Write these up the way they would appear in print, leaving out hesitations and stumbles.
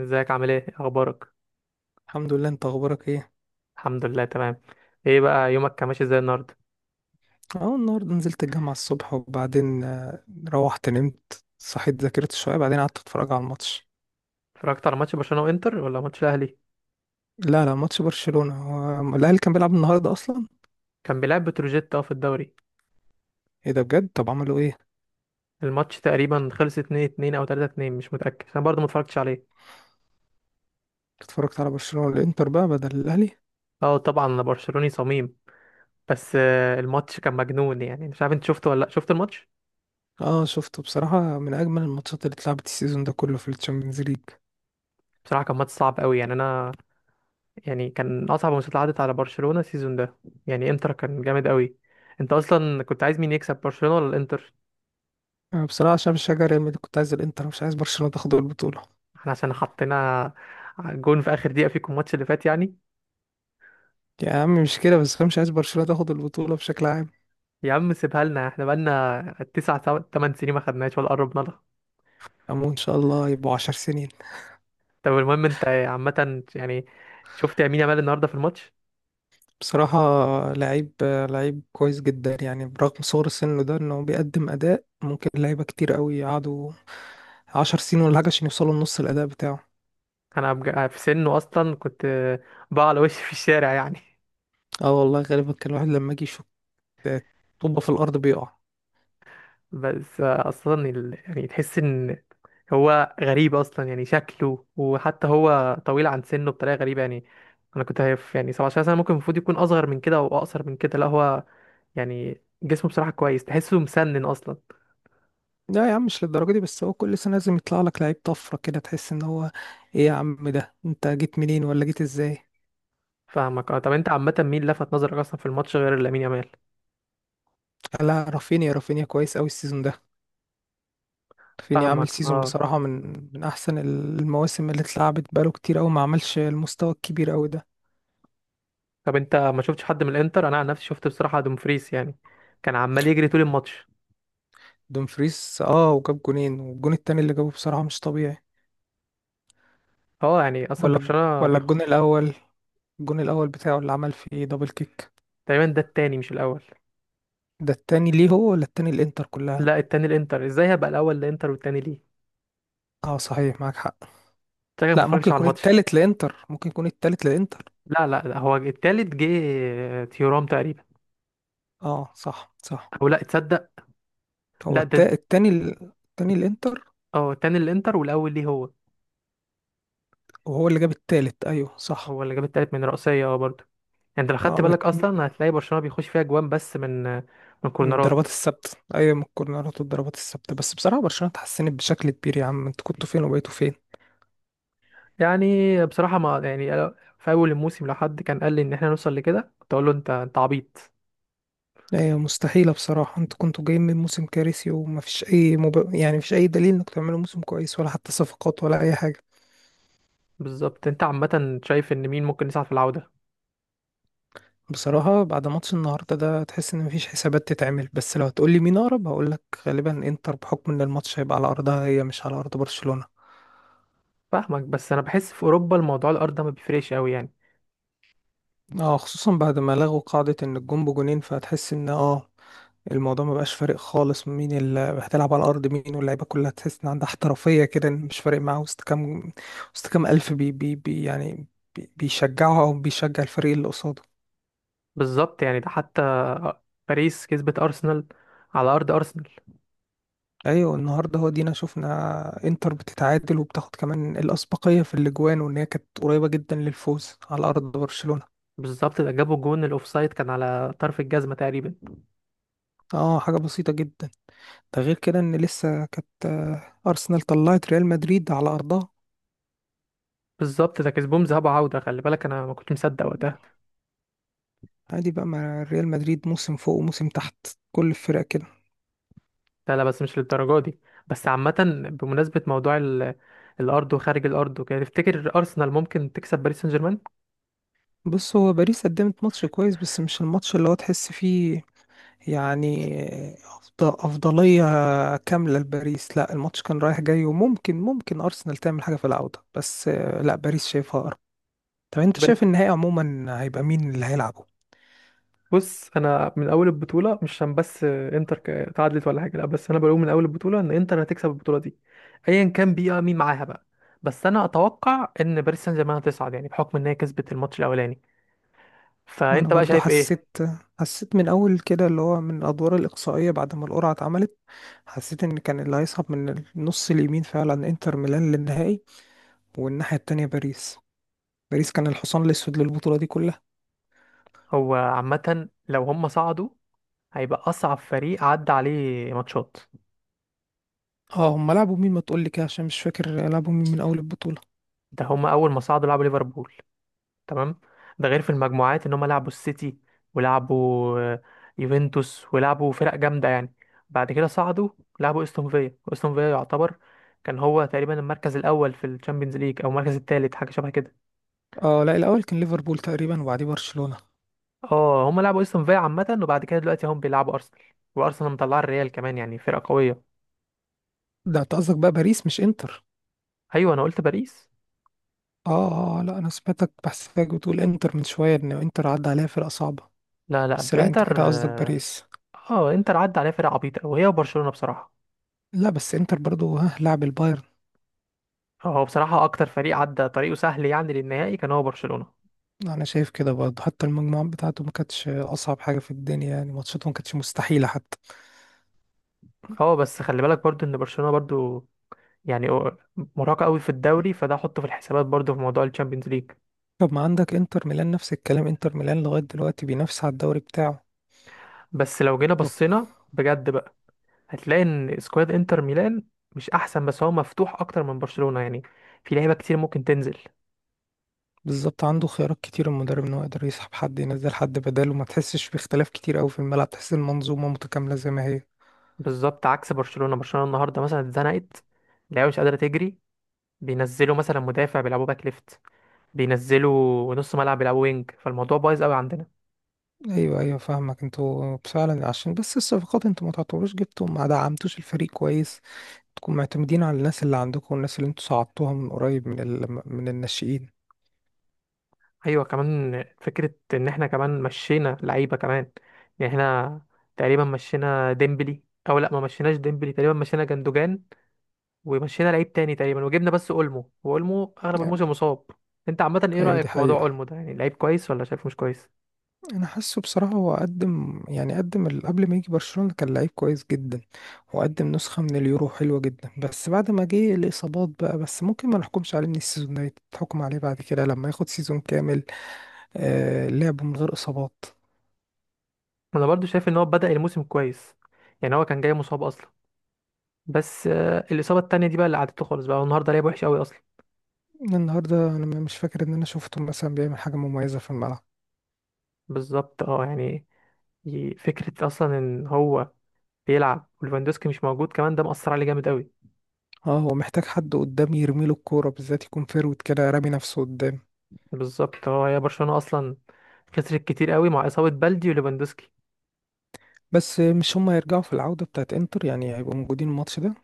ازيك؟ عامل إيه اخبارك؟ الحمد لله. انت اخبارك ايه؟ الحمد لله، تمام. ايه بقى، يومك كان ماشي ازاي النهارده؟ اه، النهارده نزلت الجامعه الصبح، وبعدين روحت نمت، صحيت، ذاكرت شويه، بعدين قعدت اتفرج على الماتش. اتفرجت على ماتش برشلونة وانتر ولا ماتش الاهلي؟ لا، ماتش برشلونه. هو الاهلي كان بيلعب النهارده اصلا؟ كان بيلعب بتروجيت في الدوري. ايه ده بجد؟ طب عملوا ايه؟ الماتش تقريبا خلص 2-2 او 3-2، مش متأكد انا برضه ما اتفرجتش عليه. اتفرجت على برشلونه والانتر بقى بدل الاهلي. اه، طبعا انا برشلوني صميم. بس الماتش كان مجنون، يعني مش عارف انت شفته ولا لا، شفت الماتش؟ اه شفته، بصراحه من اجمل الماتشات اللي اتلعبت السيزون ده كله في الشامبيونز ليج. بصراحة كان ماتش صعب قوي، يعني انا يعني كان اصعب ماتشات عدت على برشلونة السيزون ده، يعني انتر كان جامد قوي. انت اصلا كنت عايز مين يكسب، برشلونة ولا الانتر؟ بصراحه عشان بشجع ريال مدريد كنت عايز الانتر، مش عايز برشلونه تاخد البطوله. احنا عشان حطينا جون في اخر دقيقة فيكم الماتش اللي فات يعني. يا عم مش كده بس، انا مش عايز برشلونه تاخد البطوله بشكل عام. يا عم سيبها لنا، احنا بقالنا 8 سنين ما خدناش ولا قربنا لها. امون ان شاء الله يبقوا 10 سنين. طب المهم، انت عامة يعني شفت يمين يامال النهاردة في الماتش؟ بصراحة لعيب، لعيب كويس جدا يعني، برغم صغر سنه ده انه بيقدم اداء ممكن لعيبة كتير قوي يقعدوا عشر سنين ولا حاجة عشان يوصلوا لنص الاداء بتاعه. انا في سنه اصلا كنت بقى على وشي في الشارع يعني. اه والله، غالبا كان الواحد لما يجي يشوط طوبة في الارض بيقع. بس اصلا يعني تحس ان هو غريب اصلا، يعني شكله، وحتى هو طويل عن سنه بطريقه غريبه يعني. انا كنت هيف، يعني 17 سنه ممكن، المفروض يكون اصغر من كده او اقصر من كده، لا هو يعني جسمه بصراحه كويس، تحسه مسنن اصلا. لا يا عم مش للدرجة دي، بس هو كل سنة لازم يطلع لك لعيب طفرة كده تحس ان هو، ايه يا عم ده انت جيت منين ولا جيت ازاي؟ فاهمك، اه. طب انت عامه مين لفت نظرك اصلا في الماتش غير لامين يامال؟ لا، رافينيا. رافينيا كويس قوي السيزون ده. رافينيا فاهمك، عامل سيزون اه. بصراحة من، من احسن المواسم اللي اتلعبت، بقاله كتير قوي ما عملش المستوى الكبير قوي ده. طب انت ما شفتش حد من الانتر؟ انا عن نفسي شفت بصراحه دومفريس، يعني كان عمال يجري طول الماتش. دومفريس اه، وجاب جونين، والجون التاني اللي جابه بصراحة مش طبيعي. اه يعني اصلا ولا، برشلونه الجون بيخش. الأول. الجون الأول بتاعه اللي عمل فيه دبل كيك. تقريبا ده التاني مش الاول. ده التاني ليه هو ولا التاني الإنتر كلها؟ لا التاني الانتر ازاي، هبقى الاول الانتر والتاني ليه؟ اه صحيح معاك حق. شكلك ما لا ممكن بتفرجش على يكون الماتش. التالت لإنتر، لا لا لا، هو التالت جه. تيورام تقريبا. اه صح صح. او لا تصدق. هو لا، ده التاني التاني الإنتر. اه التاني الانتر والاول ليه هو. وهو اللي جاب التالت، أيوه صح. هو اللي جاب التالت من رأسية، برضه. يعني انت لو ما خدت بالك بت... اصلا هتلاقي برشلونة بيخش فيها جوان بس من من من الضربات كورنرات. الثابتة، أيوه، من الكورنرات والضربات الثابتة. بس بصراحة برشلونة اتحسنت بشكل كبير، يا عم انتوا كنتوا فين وبقيتوا فين؟ يعني بصراحة ما يعني في اول الموسم لو حد كان قال لي ان احنا نوصل لكده كنت اقول له انت عبيط. لا هي مستحيلة بصراحة، انتوا كنتوا جايين من موسم كارثي، ومفيش أي يعني مفيش أي دليل انكم تعملوا موسم كويس، ولا حتى صفقات، ولا أي حاجة. بالظبط. انت عامة شايف ان مين ممكن يصعد في العودة؟ بصراحة بعد ماتش النهاردة ده تحس إن مفيش حسابات تتعمل، بس لو هتقولي مين أقرب هقولك غالبا إنتر، بحكم إن الماتش هيبقى على أرضها هي مش على أرض برشلونة. فاهمك، بس انا بحس في اوروبا الموضوع الارض ده ما بيفرقش قوي يعني. اه، خصوصا بعد ما لغوا قاعدة إن الجون بجونين، فهتحس إن اه، الموضوع ما بقاش فارق خالص مين اللي هتلعب على الارض مين، واللعيبه كلها تحس ان عندها احترافيه كده إن مش فارق معاها وسط كام، وسط كام الف بي يعني، بيشجعها او بيشجع الفريق اللي قصاده. بالظبط، يعني ده حتى باريس كسبت ارسنال على ارض ارسنال. ايوه النهارده هو دينا شفنا انتر بتتعادل وبتاخد كمان الاسبقيه في الاجوان، وان هي كانت قريبه جدا للفوز على ارض برشلونه. بالظبط، ده جابوا جون الاوفسايد كان على طرف الجزمه تقريبا. اه حاجه بسيطه جدا، ده غير كده ان لسه كانت ارسنال طلعت ريال مدريد على ارضها. بالظبط، ده كسبهم ذهاب وعوده، خلي بالك انا ما كنت مصدق وقتها. عادي بقى مع ريال مدريد، موسم فوق وموسم تحت، كل الفرق كده. لا لا، بس مش للدرجه دي. بس عامه بمناسبه موضوع الارض وخارج الارض وكده، تفتكر ارسنال ممكن تكسب باريس سان جيرمان؟ بص، هو باريس قدمت ماتش كويس، بس مش الماتش اللي هو تحس فيه يعني أفضلية كاملة لباريس. لا الماتش كان رايح جاي، وممكن ممكن أرسنال تعمل حاجة في العودة، بس لا باريس شايفها أقرب. طب أنت شايف النهائي عموما هيبقى مين اللي هيلعبه؟ بص انا من اول البطوله، مش عشان بس انتر تعادلت ولا حاجه، لا بس انا بقول من اول البطوله ان انتر هتكسب البطوله دي، ايا كان بيها مين معاها بقى. بس انا اتوقع ان باريس سان جيرمان هتصعد، يعني بحكم ان هي كسبت الماتش الاولاني. وأنا فانت بقى برضو شايف ايه؟ حسيت، من أول كده اللي هو من الأدوار الإقصائية بعد ما القرعة اتعملت، حسيت إن كان اللي هيصعد من النص اليمين فعلا إنتر ميلان للنهائي، والناحية التانية باريس. باريس كان الحصان الأسود للبطولة دي كلها. هو عامه لو هم صعدوا هيبقى اصعب فريق عدى عليه ماتشات. اه هم لعبوا مين؟ ما تقول لي كده عشان مش فاكر لعبوا مين من اول البطولة. ده هم اول ما صعدوا لعبوا ليفربول، تمام. ده غير في المجموعات ان هم لعبوا السيتي، ولعبوا يوفنتوس، ولعبوا فرق جامده يعني. بعد كده صعدوا لعبوا استون فيا. استون فيا يعتبر كان هو تقريبا المركز الاول في الشامبيونز ليج او المركز الثالث، حاجه شبه كده. اه لا، الاول كان ليفربول تقريبا، وبعديه برشلونة. اه هم لعبوا استون فيا عامه، وبعد كده دلوقتي هم بيلعبوا ارسنال، وارسنال مطلعه الريال كمان، يعني فرقه قويه. ده انت قصدك بقى باريس مش انتر؟ ايوه، انا قلت باريس. اه اه اه، لا انا سمعتك بحسك بتقول انتر من شوية ان انتر عدى عليها فرقة صعبة. لا لا، بس لا انت انتر كده قصدك اه. باريس. انتر عدى عليها فرق عبيطه وهي وبرشلونه بصراحه. لا بس انتر برضو ها لعب البايرن. هو بصراحه اكتر فريق عدى طريقه سهل يعني للنهائي كان هو برشلونه. انا شايف كده برضه، حتى المجموعات بتاعته ما كانتش اصعب حاجة في الدنيا، يعني ماتشاته ما كانتش مستحيلة حتى. اه بس خلي بالك برضو ان برشلونة برضو يعني مرهقة قوي في الدوري، فده حطه في الحسابات برضو في موضوع الشامبيونز ليج. طب ما عندك انتر ميلان نفس الكلام، انتر ميلان لغاية دلوقتي بينافس على الدوري بتاعه. بس لو جينا بصينا بجد بقى، هتلاقي ان سكواد انتر ميلان مش احسن، بس هو مفتوح اكتر من برشلونة يعني، في لعيبة كتير ممكن تنزل. بالظبط عنده خيارات كتير المدرب ان هو يقدر يسحب حد ينزل حد بداله، ما تحسش باختلاف كتير قوي في الملعب، تحس المنظومه متكامله زي ما هي. بالظبط عكس برشلونة. برشلونة النهاردة مثلا اتزنقت، اللعيبة مش قادرة تجري، بينزلوا مثلا مدافع بيلعبوا باك ليفت، بينزلوا نص ملعب بيلعبوا وينج، فالموضوع بايظ قوي عندنا. ايوه ايوه فاهمك. انتوا فعلا عشان بس الصفقات انتوا ما تعتبروش جبتوا، ما دعمتوش الفريق كويس، تكونوا معتمدين على الناس اللي عندكم والناس اللي انتوا صعدتوها من قريب من من الناشئين. ايوه كمان فكره ان احنا كمان مشينا لعيبه كمان، يعني احنا تقريبا مشينا ديمبلي، او لا ما مشيناش ديمبلي، تقريبا مشينا جندوجان، ومشينا لعيب تاني تقريبا، وجبنا بس اولمو، واولمو اغلب الموسم مصاب. انت عامه ايه ايوه رايك دي في موضوع اولمو حقيقه. ده؟ يعني لعيب كويس ولا شايفه مش كويس؟ انا حاسه بصراحه هو قدم، يعني قدم قبل ما يجي برشلونه كان لعيب كويس جدا، وقدم نسخه من اليورو حلوه جدا. بس بعد ما جه الاصابات بقى، بس ممكن ما نحكمش عليه من السيزون ده، تحكم عليه بعد كده لما ياخد سيزون كامل آه لعب من غير اصابات. انا برضو شايف ان هو بدا الموسم كويس، يعني هو كان جاي مصاب اصلا. بس الاصابه التانيه دي بقى اللي قعدته خالص بقى، هو النهارده لعب وحش قوي اصلا. النهارده انا مش فاكر ان انا شفته مثلا بيعمل حاجه مميزه في الملعب. بالظبط اه يعني فكره اصلا ان هو بيلعب وليفاندوسكي مش موجود كمان، ده مأثر عليه جامد قوي. اه هو محتاج حد قدام يرمي له الكوره، بالذات يكون فيرود كده رامي نفسه قدام. بالظبط. هو هي برشلونة اصلا خسرت كتير قوي مع اصابة بلدي وليفاندوسكي. بس مش هما هيرجعوا في العوده بتاعت انتر يعني؟ هيبقوا موجودين الماتش ده.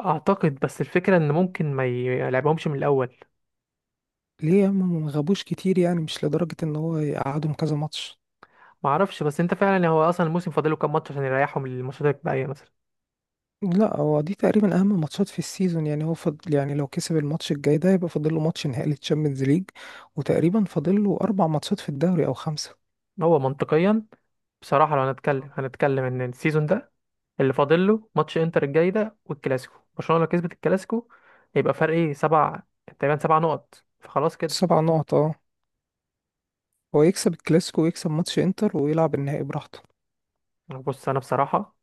اعتقد، بس الفكرة ان ممكن ما يلعبهمش من الاول. ليه يا عم ما غابوش كتير، يعني مش لدرجة ان هو يقعدهم كذا ماتش. ما اعرفش، بس انت فعلا هو اصلا الموسم فاضله كام ماتش عشان يريحهم للماتشات الباقية مثلا. لا هو دي تقريبا اهم ماتشات في السيزون يعني، هو فضل يعني لو كسب الماتش الجاي ده يبقى فاضل له ماتش نهائي للتشامبيونز ليج، وتقريبا فاضل له اربع ماتشات في الدوري او خمسة. هو منطقيا بصراحة، لو هنتكلم ان السيزون ده اللي فاضل له ماتش انتر الجاي ده والكلاسيكو، برشلونة لو كسبت الكلاسيكو يبقى فرق ايه، سبع تقريبا، 7 نقط، فخلاص كده. سبع نقط اه. هو يكسب الكلاسيكو ويكسب ماتش انتر ويلعب النهائي براحته. بص انا بصراحة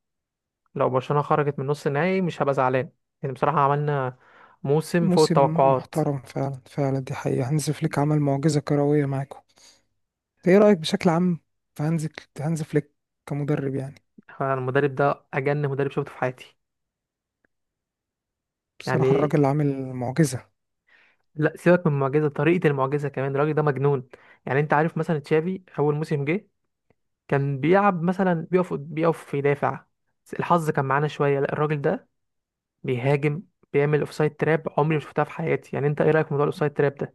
لو برشلونة خرجت من نص النهائي مش هبقى زعلان، يعني بصراحة عملنا موسم فوق موسم التوقعات. محترم فعلا فعلا، دي حقيقة. هانز فليك عمل معجزة كروية معاكم. ايه رأيك بشكل عام في هانز، فليك كمدرب يعني؟ أنا المدرب ده أجن مدرب شفته في حياتي، بصراحة يعني الراجل عامل معجزة. لا سيبك من المعجزة، طريقة المعجزة كمان الراجل ده مجنون. يعني أنت عارف مثلا تشافي أول موسم جه كان بيلعب مثلا، بيقف يدافع، الحظ كان معانا شوية. لا الراجل ده بيهاجم، بيعمل اوفسايد تراب عمري ما شفتها في حياتي، يعني أنت إيه رأيك في موضوع الاوفسايد تراب ده؟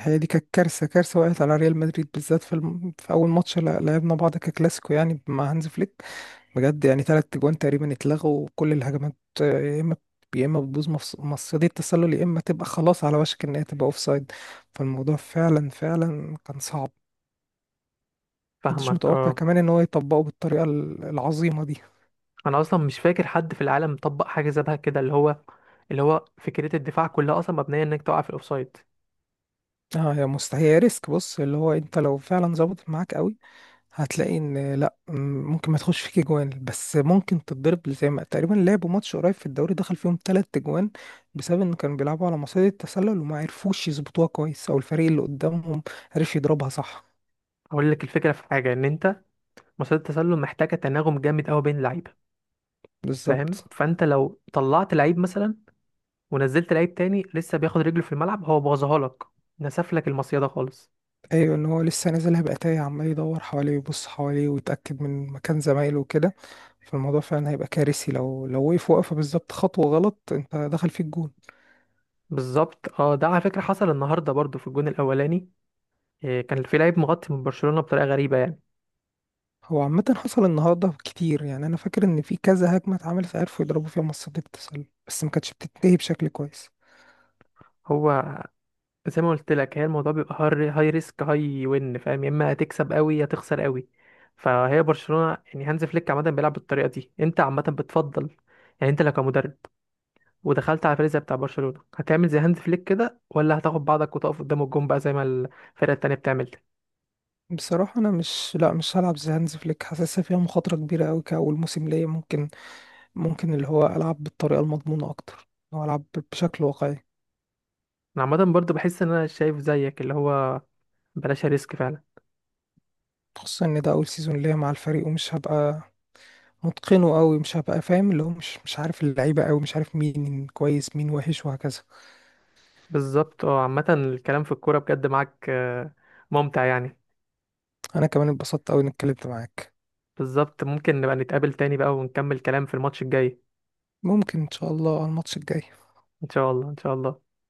هي دي كانت كارثه، كارثه وقعت على ريال مدريد بالذات في في اول ماتش لعبنا بعض ككلاسيكو يعني مع هانز فليك. بجد يعني ثلاث جوان تقريبا اتلغوا، وكل الهجمات يا اما، بتبوظ مصيدة التسلل، يا اما تبقى خلاص على وشك ان هي تبقى اوفسايد. فالموضوع فعلا فعلا كان صعب. محدش فاهمك، متوقع اه. كمان ان هو يطبقه بالطريقه العظيمه دي. انا اصلا مش فاكر حد في العالم طبق حاجه شبه كده، اللي هو فكره الدفاع كلها اصلا مبنيه انك تقع في الاوفسايد. اه يا مستحيل، هي ريسك. بص اللي هو انت لو فعلا ظبطت معاك قوي، هتلاقي ان لا ممكن ما تخش فيك جوان، بس ممكن تتضرب زي ما تقريبا لعبوا ماتش قريب في الدوري دخل فيهم تلات جوان بسبب ان كانوا بيلعبوا على مصيدة التسلل وما عرفوش يظبطوها كويس، او الفريق اللي قدامهم عرف يضربها صح. اقول لك الفكره في حاجه ان انت، مصيده التسلل محتاجه تناغم جامد قوي بين اللعيبه. فاهم، بالظبط. فانت لو طلعت لعيب مثلا ونزلت لعيب تاني لسه بياخد رجله في الملعب هو بوظها لك، نسف لك المصيده خالص. ايوه ان هو لسه نازلها بقى تايه، عمال يدور حواليه ويبص حواليه ويتاكد من مكان زمايله وكده، فالموضوع فعلا هيبقى كارثي لو وقف وقفه بالظبط خطوه غلط انت دخل فيك جون. بالظبط اه، ده على فكره حصل النهارده برضو في الجون الاولاني، إيه، كان في لعيب مغطي من برشلونه بطريقه غريبه يعني. هو عامة حصل النهاردة كتير، يعني أنا فاكر إن في كذا هجمة اتعملت عرفوا يضربوا فيها منصات التسلل، بس ما كانتش بتنتهي بشكل كويس. هو زي ما قلت لك، هي الموضوع بيبقى هاي ريسك هاي وين، فاهم؟ يا اما هتكسب قوي يا تخسر قوي. فهي برشلونة يعني هانز فليك عامة بيلعب بالطريقة دي، انت عامة بتفضل، يعني انت لو كمدرب ودخلت على الفريق زي بتاع برشلونة هتعمل زي هانز فليك كده ولا هتاخد بعضك وتقف قدام الجون بقى زي ما الفرقة التانية بتعمل؟ بصراحة أنا مش لأ مش هلعب زي هانز فليك، حاسسها فيها مخاطرة كبيرة أوي كأول موسم ليا. ممكن، اللي هو ألعب بالطريقة المضمونة أكتر، أو ألعب بشكل واقعي. انا عامة برضو بحس ان انا شايف زيك، اللي هو بلاش ريسك فعلا. خصوصا إن ده أول سيزون ليا مع الفريق، ومش هبقى متقنه أوي، مش هبقى فاهم اللي هو مش عارف اللعيبة أوي، مش عارف مين كويس مين وحش وهكذا. بالظبط اه عامة الكلام في الكورة بجد معاك ممتع يعني. أنا كمان اتبسطت أوي إني اتكلمت معاك. بالظبط، ممكن نبقى نتقابل تاني بقى ونكمل كلام في الماتش الجاي. ممكن إن شاء الله على الماتش الجاي. ان شاء الله، ان شاء الله.